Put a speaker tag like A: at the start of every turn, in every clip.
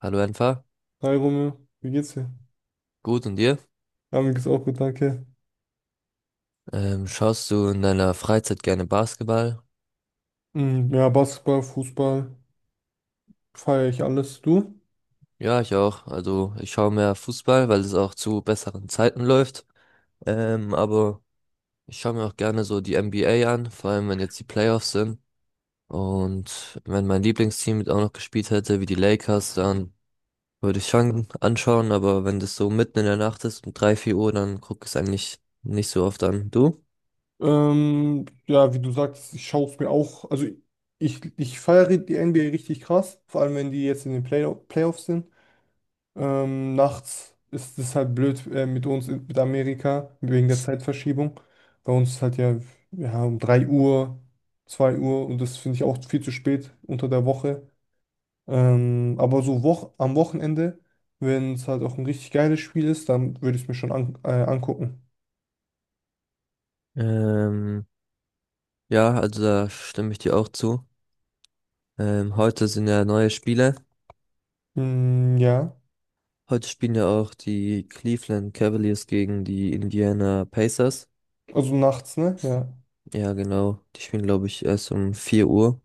A: Hallo Enfer,
B: Hi Romeo, wie geht's dir?
A: gut und dir?
B: Ja, mir geht's auch gut, danke.
A: Schaust du in deiner Freizeit gerne Basketball?
B: Mm, ja, Basketball, Fußball, feiere ich alles. Du?
A: Ja, ich auch. Also ich schaue mehr Fußball, weil es auch zu besseren Zeiten läuft. Aber ich schaue mir auch gerne so die NBA an, vor allem wenn jetzt die Playoffs sind. Und wenn mein Lieblingsteam mit auch noch gespielt hätte, wie die Lakers, dann würde ich schon anschauen. Aber wenn das so mitten in der Nacht ist, um 3 4 Uhr, dann gucke ich es eigentlich nicht so oft an. Du?
B: Ja, wie du sagst, ich schaue es mir auch. Also ich feiere die NBA richtig krass, vor allem wenn die jetzt in den Playoffs sind. Nachts ist es halt blöd, mit uns, mit Amerika, wegen der Zeitverschiebung. Bei uns ist halt ja, ja um 3 Uhr, 2 Uhr, und das finde ich auch viel zu spät unter der Woche. Aber so wo am Wochenende, wenn es halt auch ein richtig geiles Spiel ist, dann würde ich es mir schon an angucken.
A: Ähm, ja, also da stimme ich dir auch zu. Heute sind ja neue Spiele.
B: Mm, ja,
A: Heute spielen ja auch die Cleveland Cavaliers gegen die Indiana Pacers.
B: also nachts, ne? Ja.
A: Ja, genau. Die spielen, glaube ich, erst um 4 Uhr.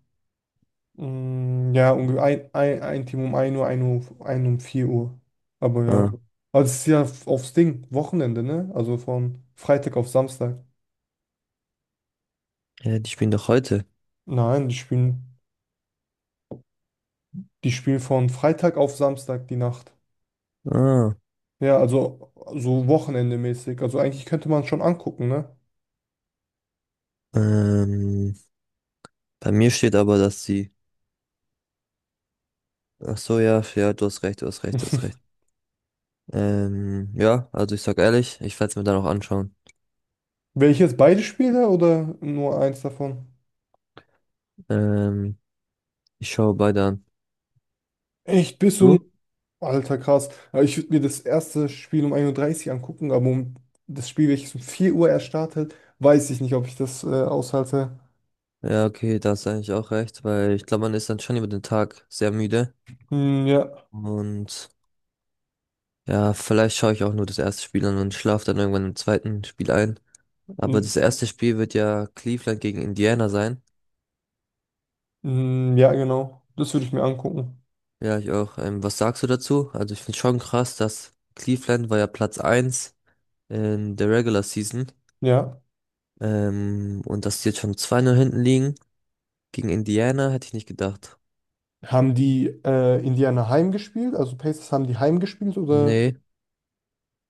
B: Mm, ja, ungefähr ein Team um ein Uhr, ein Uhr, ein um 4 Uhr. Aber ja.
A: Ah,
B: Also es ist ja aufs Ding, Wochenende, ne? Also von Freitag auf Samstag.
A: ja, die spielen doch heute.
B: Nein, die spielen von Freitag auf Samstag die Nacht.
A: Ah,
B: Ja, also so wochenendemäßig. Also eigentlich könnte man schon angucken, ne?
A: ähm, bei mir steht aber, dass sie. Ach so, ja, ja, du hast recht, du hast recht, du hast recht. Ja, also ich sag ehrlich, ich werde es mir dann auch anschauen.
B: Wäre ich jetzt beide Spiele oder nur eins davon?
A: Ähm, Ich schaue beide an.
B: Echt, bis um.
A: Du?
B: Alter, krass. Ja, ich würde mir das erste Spiel um 1:30 Uhr angucken, aber um das Spiel, welches um 4 Uhr erst startet, weiß ich nicht, ob ich das aushalte.
A: Ja, okay, da hast du eigentlich auch recht, weil ich glaube, man ist dann schon über den Tag sehr müde
B: Hm, ja.
A: und ja, vielleicht schaue ich auch nur das erste Spiel an und schlafe dann irgendwann im zweiten Spiel ein. Aber
B: Hm,
A: das erste Spiel wird ja Cleveland gegen Indiana sein.
B: hm, ja, genau. Das würde ich mir angucken.
A: Ja, ich auch. Was sagst du dazu? Also ich finde schon krass, dass Cleveland war ja Platz eins in der Regular Season.
B: Ja.
A: Und dass die jetzt schon zwei Null hinten liegen. Gegen Indiana hätte ich nicht gedacht.
B: Haben die, Indiana heimgespielt? Also Pacers haben die heimgespielt, oder?
A: Nee,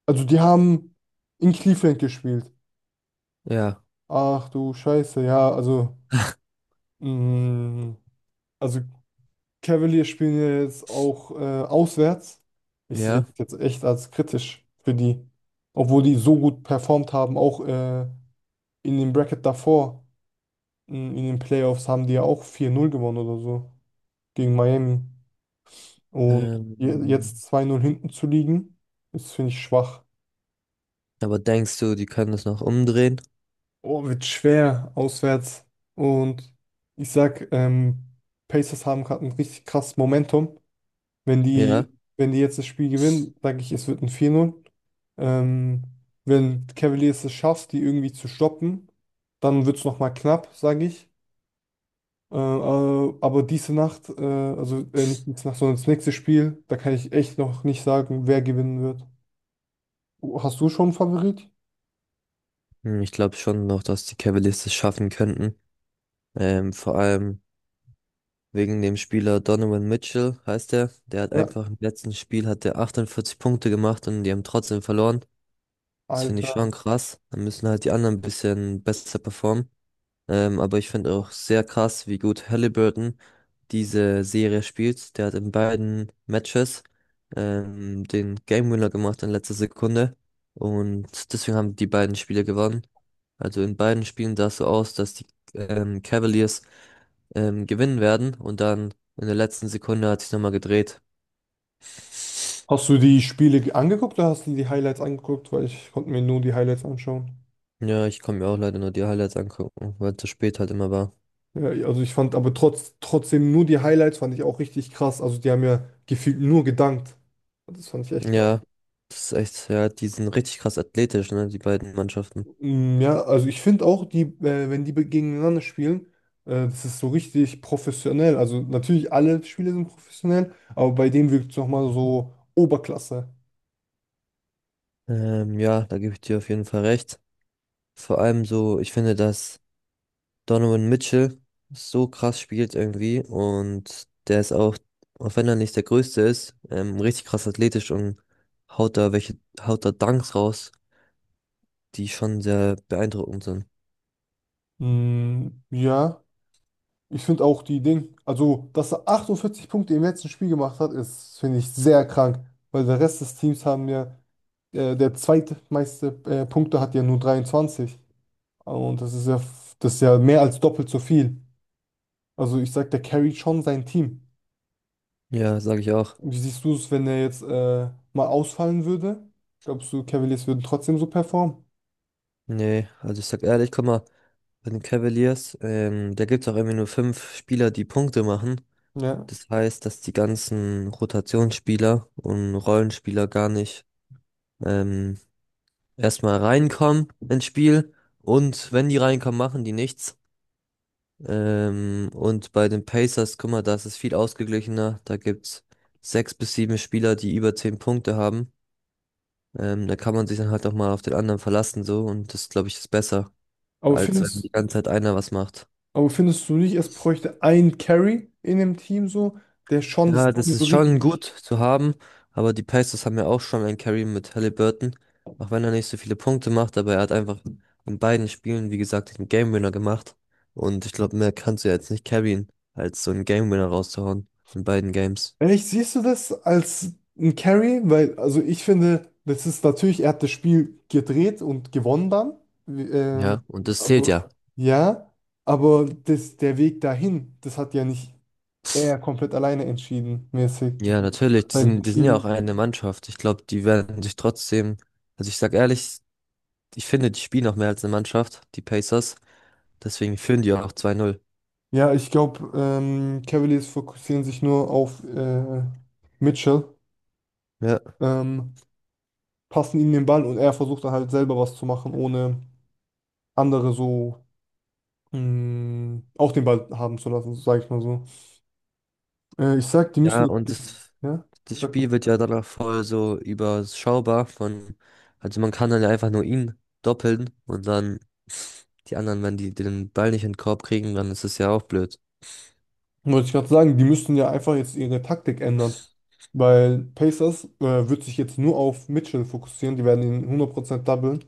B: Also die haben in Cleveland gespielt.
A: ja,
B: Ach du Scheiße, ja, also. Hm, also. Cavaliers spielen ja jetzt auch auswärts. Ich sehe
A: ja.
B: das jetzt echt als kritisch für die. Obwohl die so gut performt haben, auch, in dem Bracket davor, in den Playoffs, haben die ja auch 4-0 gewonnen oder so gegen Miami. Und
A: Ähm,
B: jetzt 2-0 hinten zu liegen, ist, finde ich, schwach.
A: aber denkst du, die können das noch umdrehen?
B: Oh, wird schwer auswärts. Und ich sag, Pacers haben gerade ein richtig krasses Momentum. Wenn die,
A: Ja.
B: wenn die jetzt das Spiel gewinnen, sage ich, es wird ein 4-0. Ähm, Wenn Cavaliers es schafft, die irgendwie zu stoppen, dann wird es nochmal knapp, sage ich. Aber diese Nacht, also, nicht diese Nacht, sondern das nächste Spiel, da kann ich echt noch nicht sagen, wer gewinnen wird. Hast du schon einen Favorit?
A: Hm, ich glaube schon noch, dass die Cavaliers das schaffen könnten. Vor allem. Wegen dem Spieler Donovan Mitchell heißt er. Der hat
B: Ja.
A: einfach im letzten Spiel hat der 48 Punkte gemacht und die haben trotzdem verloren. Das finde ich
B: Alter.
A: schon krass. Dann müssen halt die anderen ein bisschen besser performen. Aber ich finde auch sehr krass, wie gut Halliburton diese Serie spielt. Der hat in beiden Matches den Game Winner gemacht in letzter Sekunde. Und deswegen haben die beiden Spiele gewonnen. Also in beiden Spielen sah es so aus, dass die Cavaliers gewinnen werden. Und dann in der letzten Sekunde hat sich nochmal gedreht.
B: Hast du die Spiele angeguckt oder hast du die Highlights angeguckt? Weil ich konnte mir nur die Highlights anschauen.
A: Ja, ich konnte mir auch leider nur die Highlights angucken, weil es zu spät halt immer war.
B: Ja, ja, also ich fand aber, trotzdem, nur die Highlights fand ich auch richtig krass. Also die haben ja gefühlt nur gedankt. Das fand ich echt krass.
A: Ja, das ist echt, ja, die sind richtig krass athletisch, ne, die beiden Mannschaften.
B: Mm, ja, also ich finde auch, wenn die gegeneinander spielen, das ist so richtig professionell. Also natürlich alle Spiele sind professionell, aber bei denen wirkt es nochmal so Oberklasse.
A: Ja, da gebe ich dir auf jeden Fall recht. Vor allem so, ich finde, dass Donovan Mitchell so krass spielt irgendwie und der ist auch, auch wenn er nicht der Größte ist, richtig krass athletisch und haut da welche, haut da Dunks raus, die schon sehr beeindruckend sind.
B: Mm, ja, ich finde auch die Ding, also dass er 48 Punkte im letzten Spiel gemacht hat, ist, finde ich, sehr krank, weil der Rest des Teams haben ja, der zweitmeiste, Punkte hat ja nur 23. Und das ist ja mehr als doppelt so viel. Also ich sag, der carryt schon sein Team.
A: Ja, sage ich auch.
B: Wie siehst du es, wenn er jetzt, mal ausfallen würde? Glaubst du, Cavaliers würden trotzdem so performen?
A: Nee, also ich sag ehrlich, guck mal, bei den Cavaliers, da gibt's auch irgendwie nur fünf Spieler, die Punkte machen.
B: Ja.
A: Das heißt, dass die ganzen Rotationsspieler und Rollenspieler gar nicht ähm, erstmal reinkommen ins Spiel. Und wenn die reinkommen, machen die nichts. Und bei den Pacers, guck mal, da ist es viel ausgeglichener. Da gibt's sechs bis sieben Spieler, die über zehn Punkte haben. Da kann man sich dann halt auch mal auf den anderen verlassen so. Und das, glaube ich, ist besser,
B: Aber
A: als wenn
B: findest,
A: die ganze Zeit einer was macht.
B: aber findest du nicht, es bräuchte einen Carry in dem Team so, der schon das
A: Ja, das
B: Team so
A: ist schon gut
B: richtig
A: zu haben, aber die Pacers haben ja auch schon einen Carry mit Halliburton, auch wenn er nicht so viele Punkte macht, aber er hat einfach in beiden Spielen, wie gesagt, den Game Winner gemacht und ich glaube, mehr kannst du ja jetzt nicht carryen, als so einen Game Winner rauszuhauen in beiden Games.
B: Echt, siehst du das als ein Carry? Weil, also ich finde, das ist natürlich, er hat das Spiel gedreht und gewonnen dann. Wie- Ähm,
A: Ja, und das zählt
B: aber,
A: ja.
B: ja, aber das, der Weg dahin, das hat ja nicht er komplett alleine entschieden, mäßig.
A: Ja, natürlich, die
B: Sein
A: sind, die sind ja
B: Team.
A: auch eine Mannschaft. Ich glaube, die werden sich trotzdem, also ich sag ehrlich, ich finde, die spielen auch mehr als eine Mannschaft, die Pacers, deswegen führen die auch 2-0.
B: Ja, ich glaube, Cavaliers fokussieren sich nur auf, Mitchell,
A: Ja.
B: ähm, passen ihm den Ball und er versucht dann halt selber was zu machen, ohne andere so auch den Ball haben zu lassen, sage ich mal so. Ich sag, die
A: Ja,
B: müssen jetzt,
A: und das,
B: ja,
A: das
B: sag
A: Spiel
B: mal.
A: wird ja danach voll so überschaubar von, also man kann dann ja einfach nur ihn doppeln und dann die anderen, wenn die den Ball nicht in den Korb kriegen, dann ist es ja auch blöd.
B: Wollte ich gerade sagen, die müssen ja einfach jetzt ihre Taktik ändern. Weil Pacers, wird sich jetzt nur auf Mitchell fokussieren. Die werden ihn 100% doublen.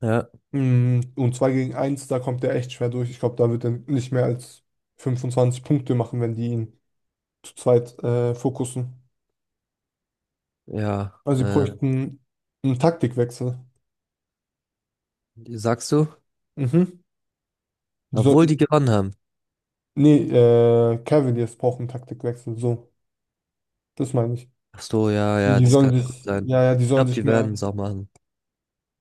A: Ja,
B: Mm, und 2 gegen eins, da kommt er echt schwer durch. Ich glaube, da wird er nicht mehr als 25 Punkte machen, wenn die ihn zu zweit fokussen.
A: ja,
B: Also sie bräuchten einen Taktikwechsel.
A: sagst du?
B: Mhm. Die
A: Obwohl
B: sollten,
A: die gewonnen haben.
B: nee, Cavaliers brauchen einen Taktikwechsel. So, das meine ich.
A: Ach so, ja,
B: Die,
A: ja,
B: die
A: das
B: sollen
A: kann gut
B: sich,
A: sein.
B: ja, ja, die
A: Ich
B: sollen
A: glaube,
B: sich
A: die
B: mehr.
A: werden es auch machen.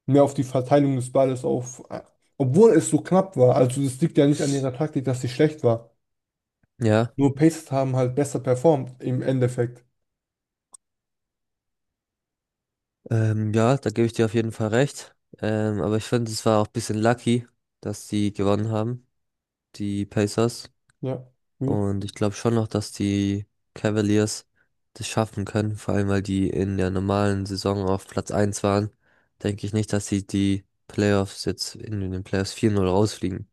B: Mehr auf die Verteilung des Balles auf, obwohl es so knapp war. Also das liegt ja nicht an ihrer Taktik, dass sie schlecht war.
A: Ja,
B: Nur Pacers haben halt besser performt im Endeffekt.
A: ja, da gebe ich dir auf jeden Fall recht. Aber ich finde, es war auch ein bisschen lucky, dass die gewonnen haben, die Pacers.
B: Ja. Hm.
A: Und ich glaube schon noch, dass die Cavaliers das schaffen können, vor allem weil die in der normalen Saison auf Platz eins waren, denke ich nicht, dass sie die Playoffs jetzt in den Playoffs 4-0 rausfliegen.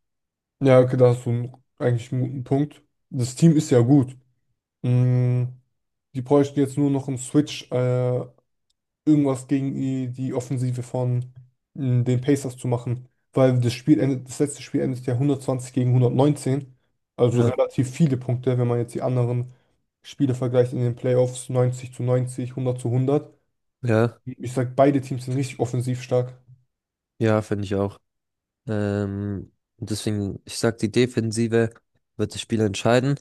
B: Ja, okay, da hast du einen, eigentlich einen guten Punkt. Das Team ist ja gut. Mm, die bräuchten jetzt nur noch einen Switch, irgendwas gegen die, die Offensive von den Pacers zu machen. Weil das Spiel endet, das letzte Spiel endet ja 120 gegen 119. Also
A: Ja,
B: relativ viele Punkte, wenn man jetzt die anderen Spiele vergleicht in den Playoffs, 90 zu 90, 100 zu 100.
A: ja,
B: Ich sag, beide Teams sind richtig offensiv stark.
A: ja, finde ich auch. Und deswegen, ich sag, die Defensive wird das Spiel entscheiden,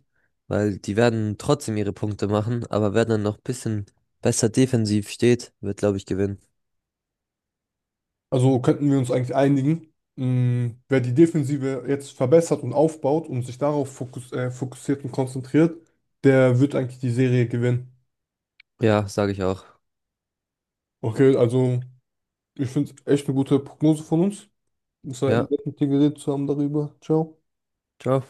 A: weil die werden trotzdem ihre Punkte machen, aber wer dann noch ein bisschen besser defensiv steht, wird, glaube ich, gewinnen.
B: Also könnten wir uns eigentlich einigen, wer die Defensive jetzt verbessert und aufbaut und sich darauf fokussiert und konzentriert, der wird eigentlich die Serie gewinnen.
A: Ja, sage ich auch.
B: Okay, also ich finde es echt eine gute Prognose von uns. Es war
A: Ja,
B: nett, mit dir geredet zu haben darüber. Ciao.
A: ciao.